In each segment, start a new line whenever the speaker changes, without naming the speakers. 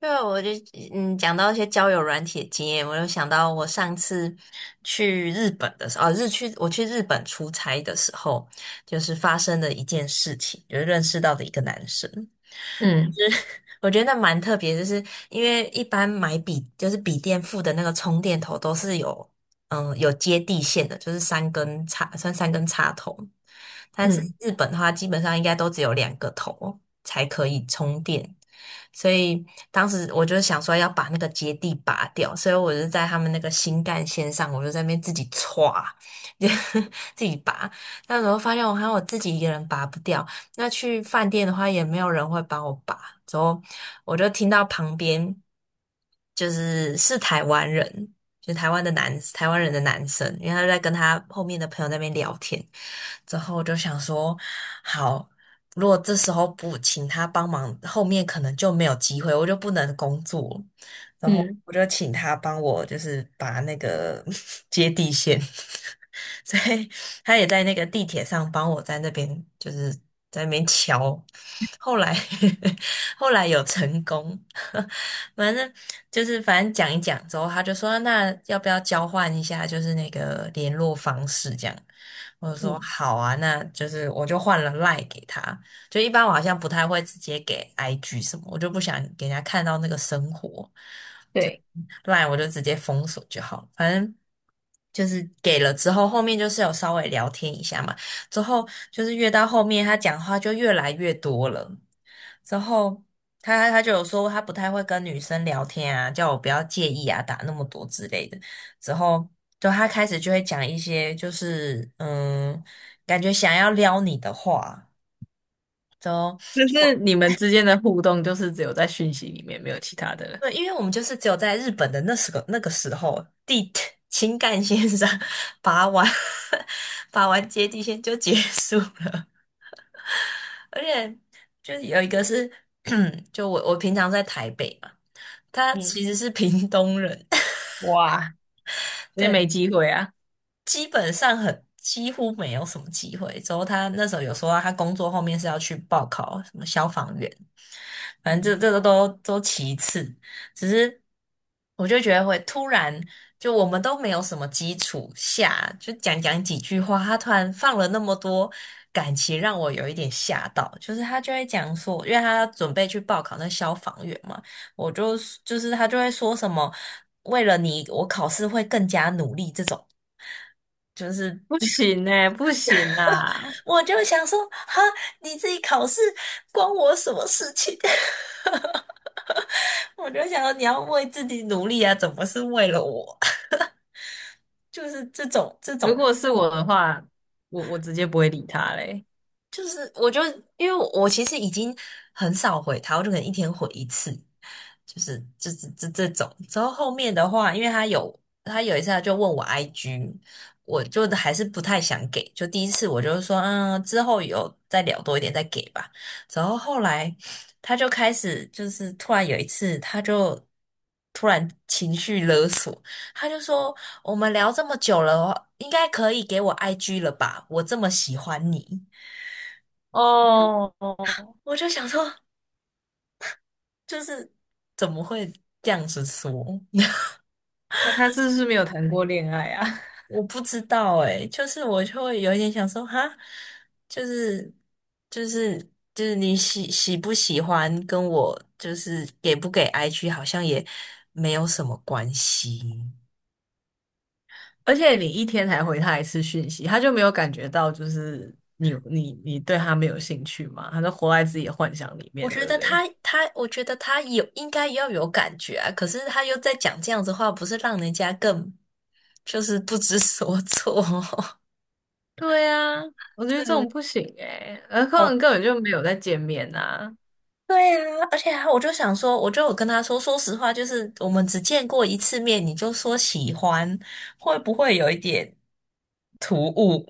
对啊，我就讲到一些交友软体的经验，我又想到我上次去日本的时候，哦，我去日本出差的时候，就是发生的一件事情，就是认识到的一个男生。
嗯
我觉得那蛮特别，就是因为一般就是笔电附的那个充电头都是有接地线的，就是三根插算三根插头，但是
嗯
日本的话基本上应该都只有两个头才可以充电，所以当时我就想说要把那个接地拔掉，所以我就在他们那个新干线上，我就在那边自己歘，就自己拔，那时候发现我还有我自己一个人拔不掉。那去饭店的话，也没有人会帮我拔，之后我就听到旁边就是是台湾人，就台湾人的男生，因为他在跟他后面的朋友那边聊天，之后我就想说，好，如果这时候不请他帮忙，后面可能就没有机会，我就不能工作，然后
嗯
我就请他帮我，就是把那个 接地线。所以他也在那个地铁上帮我在那边就是在那边敲。后来 后来有成功，反正就是反正讲一讲之后，他就说那要不要交换一下，就是那个联络方式这样。我就说
嗯，
好啊，那就是我就换了 LINE 给他，就一般我好像不太会直接给 IG 什么，我就不想给人家看到那个生活。
对，
我就直接封锁就好了，反正。就是给了之后，后面就是有稍微聊天一下嘛。之后就是越到后面，他讲话就越来越多了。之后他就有说他不太会跟女生聊天啊，叫我不要介意啊，打那么多之类的。之后就他开始就会讲一些就是感觉想要撩你的话。就后。
但是你们之间的互动就是只有在讯息里面，没有其他的了。
对，因为我们就是只有在日本的那个时候，地 情感线上拔完 拔完接 地线就结束了，而且就是有一个是，就我平常在台北嘛，他
嗯。
其实是屏东人，
哇，那
对，
没机会啊！
基本上几乎没有什么机会。之后他那时候有说到他工作后面是要去报考什么消防员，反正这
嗯，
这个都其次，只是我就觉得会突然，就我们都没有什么基础下，就讲讲几句话，他突然放了那么多感情，让我有一点吓到。就是他就会讲说，因为他准备去报考那消防员嘛，我就就是他就会说什么，为了你，我考试会更加努力这种，就是
不行呢、不行啦！
我就想说，哈，你自己考试关我什么事情？我就想说你要为自己努力啊，怎么是为了我？就是这种这
如
种
果是我的话，我直接不会理他嘞。
就是因为我其实已经很少回他，我就可能一天回一次，就是这种。然后后面的话，因为他有一次他就问我 IG，我就还是不太想给。就第一次我就说，之后有再聊多一点再给吧。然后后来他就开始就是突然有一次，突然情绪勒索，他就说："我们聊这么久了，应该可以给我 IG 了吧？我这么喜欢你。"
哦哦，
我就想说，就是怎么会这样子说？
那他是不是没有谈过恋爱啊？
我不知道诶，就是我就会有一点想说，哈，就是就是就是你喜不喜欢，跟我就是给不给 IG 好像也没有什么关系。
而且你一天才回他一次讯息，他就没有感觉到就是你对他没有兴趣嘛？他就活在自己的幻想里
我
面，
觉
对不
得
对？
他，我觉得他有应该要有感觉啊，可是他又在讲这样子话，不是让人家更就是不知所措？
对呀，我觉得这种
对，
不行诶，何况根本就没有在见面呐、
对啊，而且啊，我就想说，我就有跟他说，说实话，就是我们只见过一次面，你就说喜欢，会不会有一点突兀？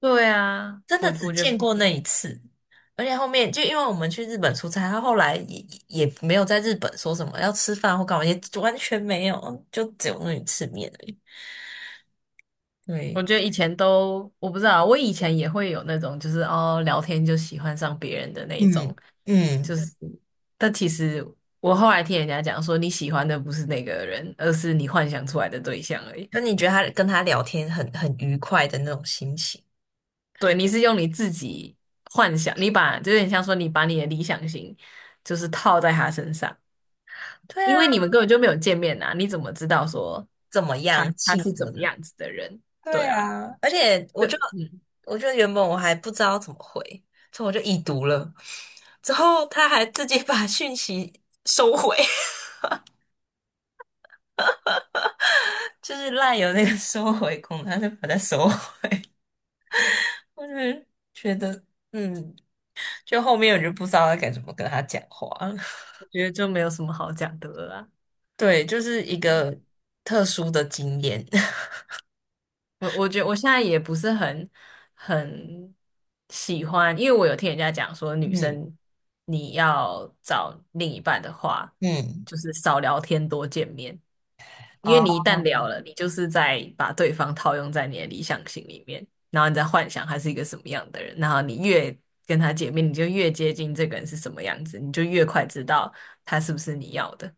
对啊，
真的
我
只
我觉得不
见过那
行。
一次，而且后面就因为我们去日本出差，他后来也没有在日本说什么要吃饭或干嘛，也完全没有，就只有那一次面而已。
我
对，
觉得以前都我不知道，我以前也会有那种就是哦聊天就喜欢上别人的那一
嗯
种，就
嗯，
是，但其实我后来听人家讲说，你喜欢的不是那个人，而是你幻想出来的对象而已。
那你觉得他跟他聊天很愉快的那种心情？
对，你是用你自己幻想，你把就有点像说你把你的理想型就是套在他身上。
对
因
啊，
为你们根本就没有见面啊，你怎么知道说
怎么
他
样
他
性
是怎
格的？
么样子的人。对
对
啊，
啊，而且我就
嗯，
我就原本我还不知道怎么回，所以我就已读了。之后他还自己 把讯息收回，就是赖有那个收回功能，他就把它收回。我就觉得，嗯，就后面我就不知道该怎么跟他讲话了。
我觉得就没有什么好讲的了啦。
对，就是一个特殊的经验。
我觉得我现在也不是很很喜欢，因为我有听人家讲说，女
嗯
生你要找另一半的话，
嗯，
就是少聊天，多见面。因为你一
哦。
旦聊了，你就是在把对方套用在你的理想型里面，然后你在幻想他是一个什么样的人，然后你越跟他见面，你就越接近这个人是什么样子，你就越快知道他是不是你要的。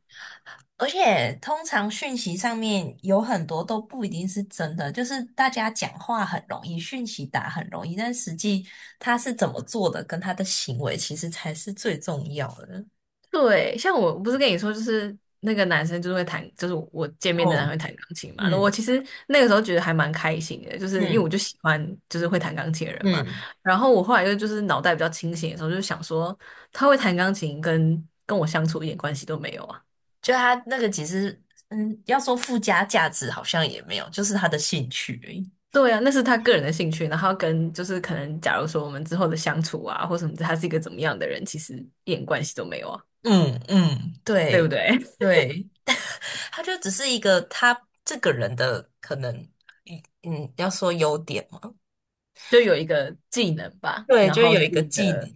而且通常讯息上面有很多都不一定是真的，就是大家讲话很容易，讯息打很容易，但实际他是怎么做的，跟他的行为其实才是最重要的。
对，像我不是跟你说，就是那个男生就是会弹，就是我见面的男生
哦，
会弹钢琴嘛。那我
嗯
其实那个时候觉得还蛮开心的，就是因为我
嗯
就喜欢就是会弹钢琴的人嘛。
嗯，
然后我后来又就是脑袋比较清醒的时候，就想说他会弹钢琴跟我相处一点关系都没有啊。
就他那个其实，要说附加价值好像也没有，就是他的兴趣而已。
对啊，那是他个人的兴趣，然后跟就是可能假如说我们之后的相处啊，或什么，他是一个怎么样的人，其实一点关系都没有啊，
嗯嗯，
对不
对
对？
对，他就只是一个他这个人的可能，嗯嗯，要说优点。
就有一个技能吧，
对，
然
就
后
有
是
一个
一
技能。
个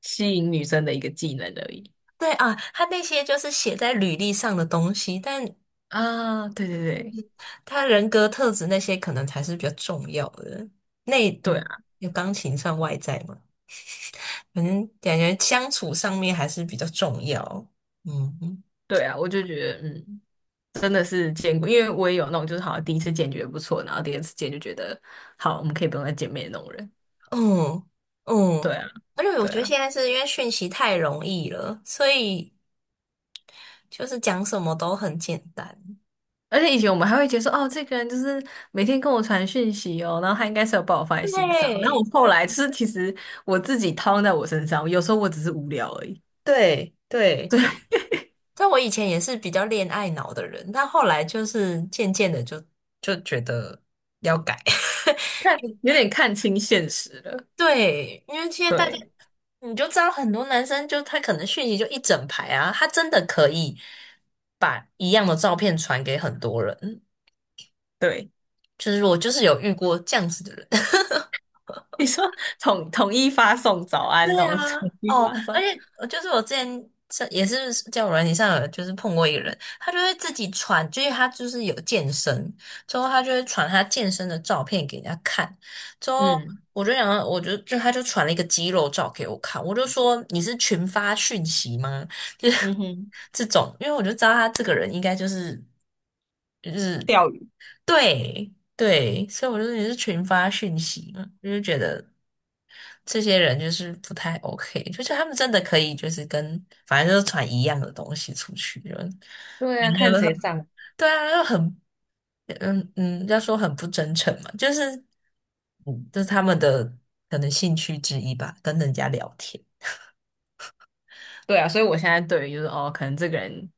吸引女生的一个技能而已。
对啊，他那些就是写在履历上的东西，但
啊，对对对，
他人格特质那些可能才是比较重要的。那
对啊，
有钢琴算外在吗？反正感觉相处上面还是比较重要。嗯嗯
对啊，我就觉得，嗯，真的是见过，因为我也有那种，就是好像第一次见觉得不错，然后第二次见就觉得好，我们可以不用再见面的那种人。
嗯，
对啊，
而且我
对
觉得
啊，
现在是因为讯息太容易了，所以就是讲什么都很简单。
而且以前我们还会觉得说，哦，这个人就是每天跟我传讯息哦，然后他应该是有把我放在心上。然后我
对
后来就是其实我自己套用在我身上，有时候我只是无聊而已，
对对。但我以前也是比较恋爱脑的人，但后来就是渐渐的就觉得要改。
看有点看清现实了。
对，因为现在大家
对。
你就知道，很多男生就他可能讯息就一整排啊，他真的可以把一样的照片传给很多人。
对，
就是我就是有遇过这样子的人。
你说统统一发送早安
对
那种，
啊，
统一
哦，
发
而
送，
且我就是我之前是也是在友软件上有就是碰过一个人，他就会自己传，就是他就是有健身，之后他就会传他健身的照片给人家看，之后
嗯
我就想到，我就就他就传了一个肌肉照给我看，我就说你是群发讯息吗？就是
嗯哼，
这种，因为我就知道他这个人应该就是就是
钓鱼，
对对，所以我就说你是群发讯息嘛，我就觉得。这些人就是不太 OK，就是他们真的可以就是跟反正就是传一样的东西出去，就感
对啊，看
觉
谁
很
上，
对啊，就很嗯嗯，要说很不真诚嘛，就是嗯，这是他们的可能兴趣之一吧，跟人家聊天。
对啊，所以我现在对于就是哦，可能这个人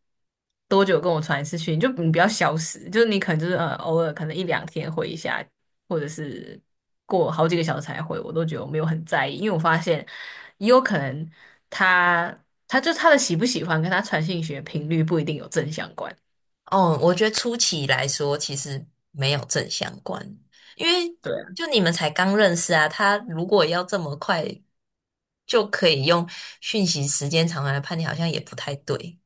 多久跟我传一次讯，就你不要消失，就是你可能就是偶尔可能一两天回一下，或者是过好几个小时才回，我都觉得我没有很在意，因为我发现也有可能他他的喜不喜欢跟他传讯息的频率不一定有正相关，
哦，我觉得初期来说其实没有正相关，因为
对啊，
就你们才刚认识啊，他如果要这么快就可以用讯息时间长来判定，好像也不太对。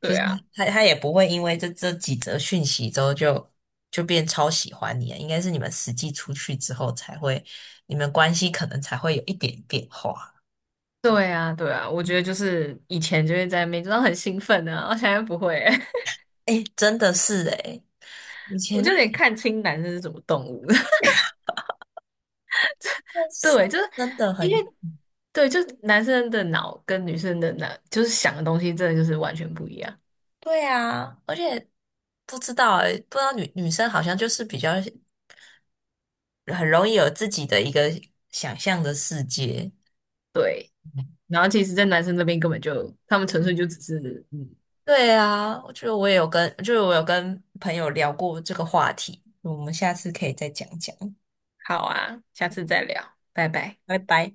就是
啊。
他也不会因为这几则讯息之后就变超喜欢你啊，应该是你们实际出去之后才会，你们关系可能才会有一点变化。
对啊，对啊，我觉得就是以前就会在那边，就是很兴奋啊，我现在不会欸，
哎，真的是哎，以
我
前的
就有点看清男生是什么动物的。
那 是
对，就是
真的
因为
很
对，就是男生的脑跟女生的脑，就是想的东西真的就是完全不一样。
对啊，而且不知道哎，不知道女生好像就是比较很容易有自己的一个想象的世界。
对，然后其实，在男生那边根本就，他们纯粹就只是嗯，
对啊，就我也有跟，就是我有跟朋友聊过这个话题，我们下次可以再讲讲，
好啊，下次再聊，拜拜。
拜拜。